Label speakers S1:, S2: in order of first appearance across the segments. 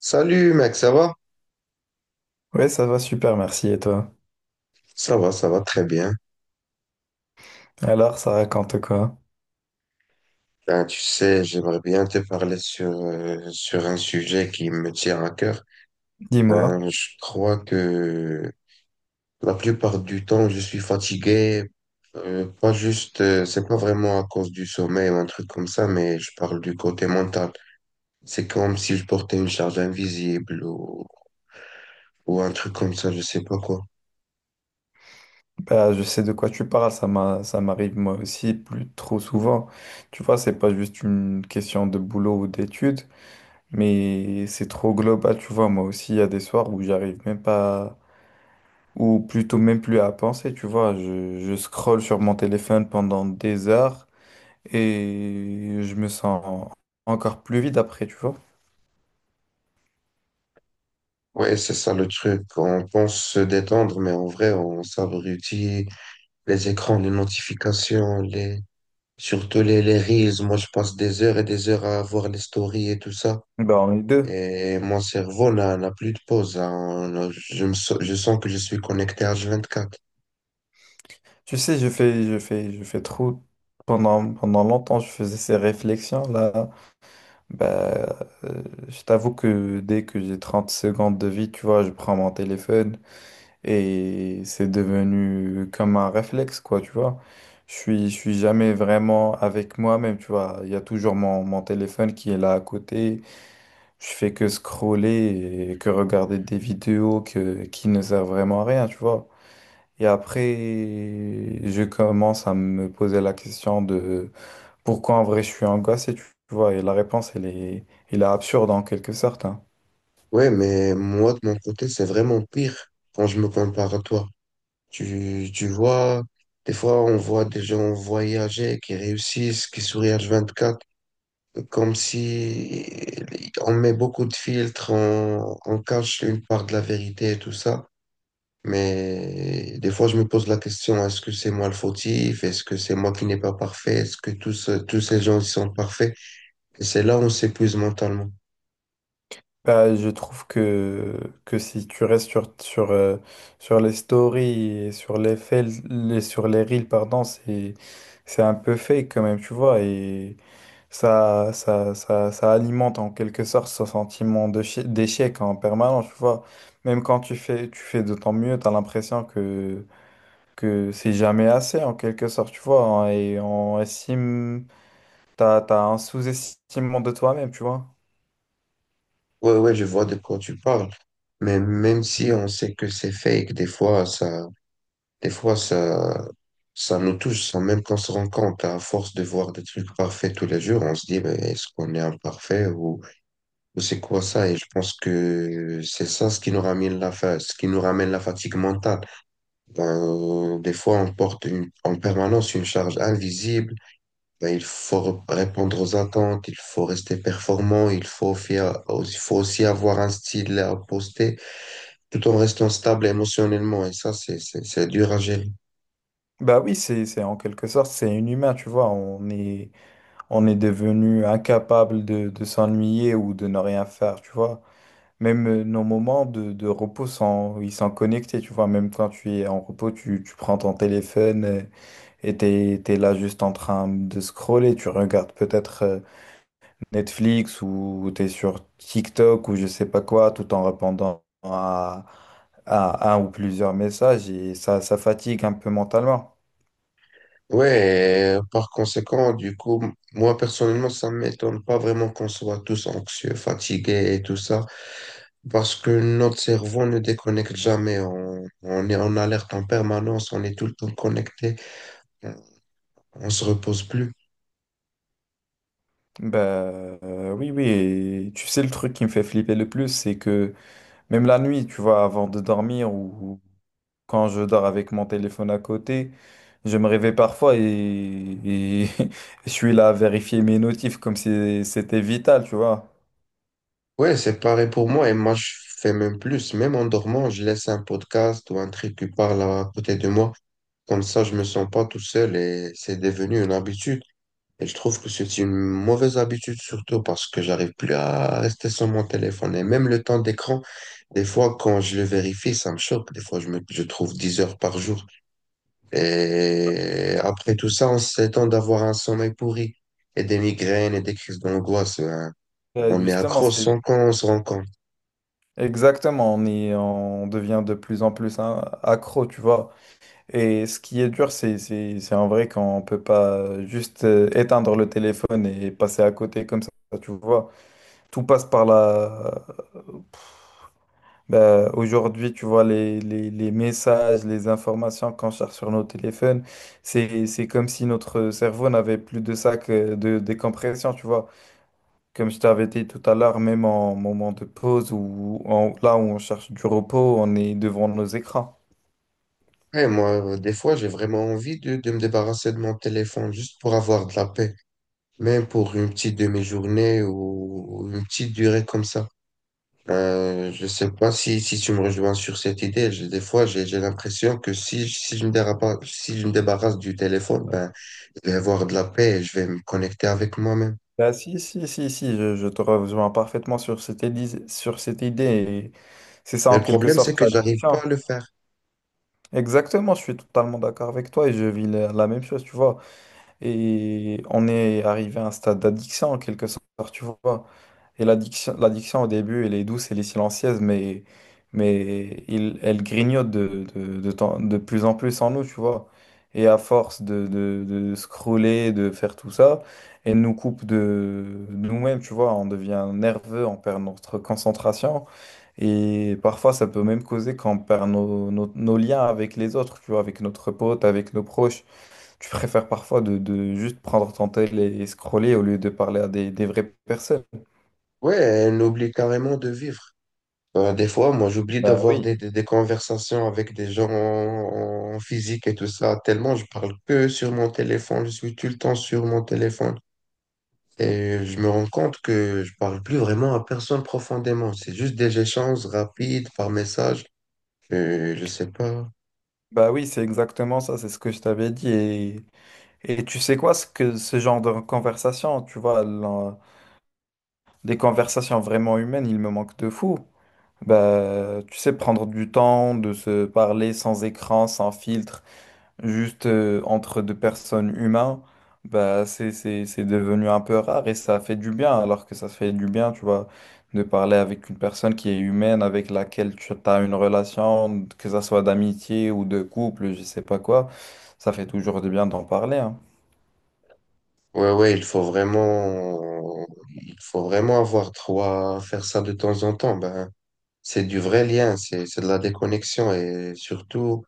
S1: Salut mec, ça va?
S2: Ouais, ça va super, merci. Et toi?
S1: Ça va, ça va très bien.
S2: Alors, ça raconte quoi?
S1: Ben, tu sais, j'aimerais bien te parler sur, sur un sujet qui me tient à cœur.
S2: Dis-moi.
S1: Ben, je crois que la plupart du temps, je suis fatigué. Pas juste, c'est pas vraiment à cause du sommeil ou un truc comme ça, mais je parle du côté mental. C'est comme si je portais une charge invisible ou un truc comme ça, je sais pas quoi.
S2: Bah, je sais de quoi tu parles, ça m'arrive moi aussi plus trop souvent. Tu vois, c'est pas juste une question de boulot ou d'études, mais c'est trop global, tu vois. Moi aussi, il y a des soirs où j'arrive même pas, ou plutôt même plus à penser, tu vois. Je scrolle sur mon téléphone pendant des heures et je me sens encore plus vide après, tu vois.
S1: Ouais, c'est ça le truc. On pense se détendre, mais en vrai, on s'abrutit. Les écrans, les notifications, les surtout les reels. Moi, je passe des heures et des heures à voir les stories et tout ça.
S2: Bah, on est deux.
S1: Et mon cerveau n'a plus de pause, hein. Je sens que je suis connecté H24.
S2: Tu sais, je fais trop. Pendant longtemps, je faisais ces réflexions-là. Bah, euh, je t'avoue que dès que j'ai 30 secondes de vie, tu vois, je prends mon téléphone et c'est devenu comme un réflexe, quoi, tu vois. Je suis jamais vraiment avec moi-même, tu vois. Il y a toujours mon téléphone qui est là à côté. Je fais que scroller et que regarder des qui ne servent vraiment à rien, tu vois. Et après, je commence à me poser la question de pourquoi en vrai je suis angoissé, tu vois. Et la réponse, elle est absurde en quelque sorte, hein.
S1: Ouais, mais moi, de mon côté, c'est vraiment pire quand je me compare à toi. Tu vois, des fois, on voit des gens voyager, qui réussissent, qui sourient H24, comme si on met beaucoup de filtres, on cache une part de la vérité et tout ça. Mais des fois, je me pose la question, est-ce que c'est moi le fautif? Est-ce que c'est moi qui n'ai pas parfait? Est-ce que tous, tous ces gens ils sont parfaits? Et c'est là où on s'épuise mentalement.
S2: Bah, je trouve que si tu restes sur les stories et sur les sur les reels, pardon, c'est un peu fake quand même, tu vois. Et ça alimente en quelque sorte ce sentiment de d'échec en permanence, tu vois. Même quand tu fais de ton mieux, tu as l'impression que c'est jamais assez en quelque sorte, tu vois, hein, et on estime, t'as un sous-estimement de toi-même, tu vois.
S1: Ouais, ouais, je vois de quoi tu parles. Mais même si on
S2: Mhm.
S1: sait que c'est fake, des fois, ça nous touche sans même qu'on se rende compte. À force de voir des trucs parfaits tous les jours, on se dit, mais est-ce qu'on est imparfait ou c'est quoi ça? Et je pense que c'est ça ce qui nous ramène la fatigue mentale. Ben, des fois, en permanence une charge invisible. Ben, il faut répondre aux attentes, il faut rester performant, il faut, faire, il faut aussi avoir un style à poster tout en restant stable émotionnellement. Et ça, c'est dur à gérer.
S2: Bah oui, c'est en quelque sorte, c'est inhumain, tu vois, on est devenu incapable de s'ennuyer ou de ne rien faire, tu vois. Même nos moments de repos sont, ils sont connectés, tu vois, même quand tu es en repos, tu prends ton téléphone et t'es là juste en train de scroller, tu regardes peut-être Netflix ou tu es sur TikTok ou je sais pas quoi, tout en répondant à un ou plusieurs messages et ça fatigue un peu mentalement.
S1: Ouais, et par conséquent, du coup, moi personnellement, ça ne m'étonne pas vraiment qu'on soit tous anxieux, fatigués et tout ça, parce que notre cerveau ne déconnecte jamais. On est en alerte en permanence, on est tout le temps connecté. On se repose plus.
S2: Ben oui, oui, et tu sais, le truc qui me fait flipper le plus, c'est que même la nuit, tu vois, avant de dormir ou quand je dors avec mon téléphone à côté, je me réveille parfois et je suis là à vérifier mes notifs comme si c'était vital, tu vois.
S1: Ouais, c'est pareil pour moi. Et moi, je fais même plus. Même en dormant, je laisse un podcast ou un truc qui parle à côté de moi. Comme ça, je me sens pas tout seul et c'est devenu une habitude. Et je trouve que c'est une mauvaise habitude, surtout parce que j'arrive plus à rester sur mon téléphone. Et même le temps d'écran, des fois, quand je le vérifie, ça me choque. Des fois, je trouve 10 heures par jour. Et après tout ça, on s'étend d'avoir un sommeil pourri et des migraines et des crises d'angoisse. Ben, on est
S2: Justement,
S1: accro
S2: c'est
S1: sans qu'on se rend compte.
S2: exactement, on est, on devient de plus en plus accro, tu vois. Et ce qui est dur, c'est en vrai qu'on peut pas juste éteindre le téléphone et passer à côté comme ça, tu vois. Tout passe par la... bah, aujourd'hui, tu vois, les messages, les informations qu'on cherche sur nos téléphones, c'est comme si notre cerveau n'avait plus de sac de décompression, tu vois. Comme je t'avais dit tout à l'heure, même en moment de pause ou là où on cherche du repos, on est devant nos écrans.
S1: Et moi, des fois, j'ai vraiment envie de me débarrasser de mon téléphone juste pour avoir de la paix, même pour une petite demi-journée ou une petite durée comme ça. Je sais pas si, si tu me rejoins sur cette idée. Des fois, j'ai l'impression que si, si je me débarrasse du téléphone, ben, je vais avoir de la paix et je vais me connecter avec moi-même.
S2: Bah, si, je te rejoins parfaitement sur cette idée. Et c'est ça
S1: Mais
S2: en
S1: le
S2: quelque
S1: problème, c'est
S2: sorte
S1: que j'arrive pas à
S2: l'addiction.
S1: le faire.
S2: Exactement, je suis totalement d'accord avec toi et je vis la même chose, tu vois. Et on est arrivé à un stade d'addiction en quelque sorte, tu vois. Et l'addiction au début, elle est douce, elle est silencieuse, mais elle grignote de plus en plus en nous, tu vois. Et à force de scroller, de faire tout ça, elle nous coupe de nous-mêmes, tu vois. On devient nerveux, on perd notre concentration. Et parfois, ça peut même causer qu'on perd nos liens avec les autres, tu vois, avec notre pote, avec nos proches. Tu préfères parfois de juste prendre ton tel et scroller au lieu de parler à des vraies personnes.
S1: Ouais, elle oublie carrément de vivre. Ben, des fois, moi, j'oublie
S2: Bah
S1: d'avoir
S2: oui.
S1: des conversations avec des gens en, en physique et tout ça, tellement je parle que sur mon téléphone, je suis tout le temps sur mon téléphone. Et je me rends compte que je parle plus vraiment à personne profondément. C'est juste des échanges rapides par message. Je sais pas.
S2: Bah oui, c'est exactement ça, c'est ce que je t'avais dit. Et tu sais quoi, ce que ce genre de conversation, tu vois, des conversations vraiment humaines, il me manque de fou. Bah, tu sais, prendre du temps de se parler sans écran, sans filtre. Juste entre deux personnes humaines, bah, c'est devenu un peu rare et ça fait du bien, alors que ça fait du bien, tu vois, de parler avec une personne qui est humaine, avec laquelle tu as une relation, que ça soit d'amitié ou de couple, je sais pas quoi, ça fait toujours du bien d'en parler, hein.
S1: Ouais, ouais, il faut vraiment avoir trois, faire ça de temps en temps. Ben, c'est du vrai lien, c'est de la déconnexion et surtout,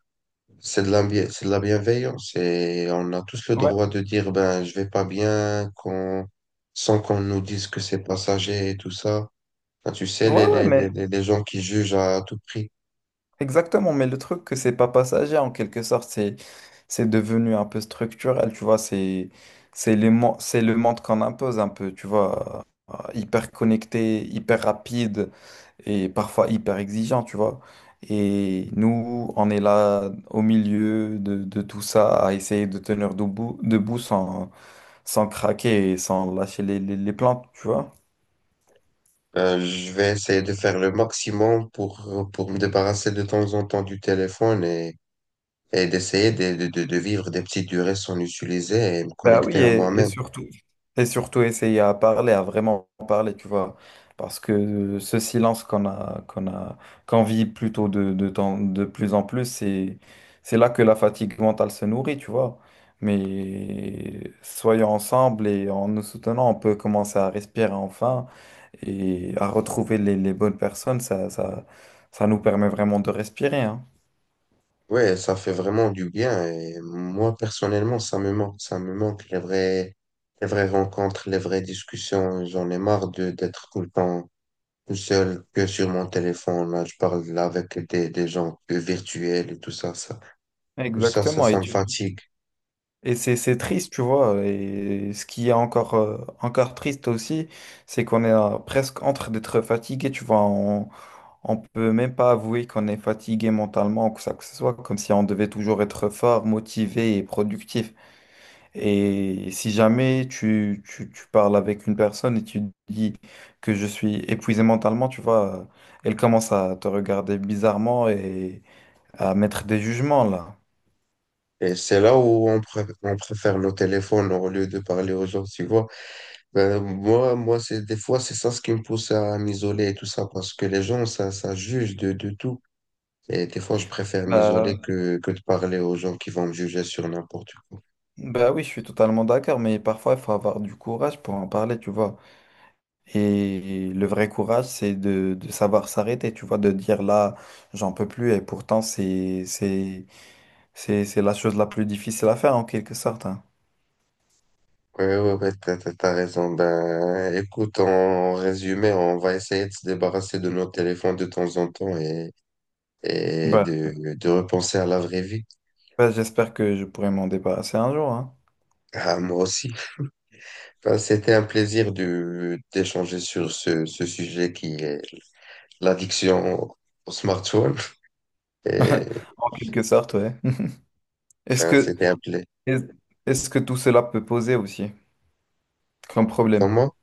S1: c'est de la bienveillance. Et on a tous le
S2: Ouais,
S1: droit de dire, ben, je vais pas bien qu'on, sans qu'on nous dise que c'est passager et tout ça. Ben, tu sais,
S2: ouais, mais
S1: les gens qui jugent à tout prix.
S2: exactement, mais le truc que c'est pas passager en quelque sorte, c'est devenu un peu structurel, tu vois, c'est le monde qu'on impose un peu, tu vois, hyper connecté, hyper rapide et parfois hyper exigeant, tu vois. Et nous, on est là au milieu de tout ça à essayer de tenir debout, debout sans, sans craquer et sans lâcher les plantes, tu vois.
S1: Ben, je vais essayer de faire le maximum pour me débarrasser de temps en temps du téléphone et d'essayer de vivre des petites durées sans l'utiliser et me
S2: Bah oui,
S1: connecter à moi-même.
S2: et surtout essayer à parler, à vraiment parler, tu vois. Parce que ce silence qu'on vit plutôt de plus en plus, c'est là que la fatigue mentale se nourrit, tu vois. Mais soyons ensemble et en nous soutenant, on peut commencer à respirer enfin et à retrouver les bonnes personnes. Ça nous permet vraiment de respirer, hein.
S1: Ouais, ça fait vraiment du bien et moi personnellement, ça me manque les vraies rencontres, les vraies discussions. J'en ai marre de d'être tout le temps tout seul que sur mon téléphone. Là, je parle là avec des gens que virtuels et tout ça, ça,
S2: Exactement.
S1: ça
S2: Et
S1: me
S2: tu
S1: fatigue.
S2: et c'est triste, tu vois. Et ce qui est encore triste aussi, c'est qu'on est presque entre d'être fatigué, tu vois. On peut même pas avouer qu'on est fatigué mentalement ou que ça que ce soit, comme si on devait toujours être fort, motivé et productif. Et si jamais tu parles avec une personne et tu dis que je suis épuisé mentalement, tu vois, elle commence à te regarder bizarrement et à mettre des jugements là.
S1: Et c'est là où on préfère nos téléphones au lieu de parler aux gens, tu vois. Ben, moi c'est des fois, c'est ça ce qui me pousse à m'isoler et tout ça, parce que les gens, ça juge de tout. Et des fois, je préfère m'isoler
S2: Bah,
S1: que de parler aux gens qui vont me juger sur n'importe quoi.
S2: bah oui, je suis totalement d'accord, mais parfois il faut avoir du courage pour en parler, tu vois. Et le vrai courage, de savoir s'arrêter, tu vois, de dire là, j'en peux plus, et pourtant c'est la chose la plus difficile à faire en quelque sorte, hein.
S1: Ouais, ouais, ouais, t'as raison. Ben, écoute, en résumé, on va essayer de se débarrasser de nos téléphones de temps en temps et
S2: Bah,
S1: de repenser à la vraie vie.
S2: Bah, j'espère que je pourrai m'en débarrasser un jour, hein.
S1: Ah, moi aussi. Ben, c'était un plaisir de, d'échanger sur ce, ce sujet qui est l'addiction au au smartphone. Et
S2: En quelque sorte, ouais. Est-ce
S1: ben,
S2: que
S1: c'était appelé.
S2: est- Est-ce que tout cela peut poser aussi comme problème?
S1: Comment?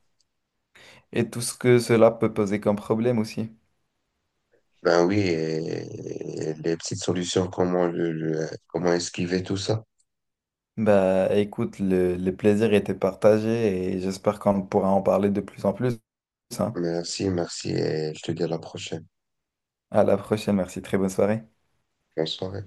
S2: Et tout ce que cela peut poser comme problème aussi.
S1: Ben oui, les petites solutions, comment, comment esquiver tout ça.
S2: Bah écoute, le plaisir était partagé et j'espère qu'on pourra en parler de plus en plus, hein.
S1: Merci, merci, et je te dis à la prochaine.
S2: À la prochaine, merci, très bonne soirée.
S1: Bonne soirée.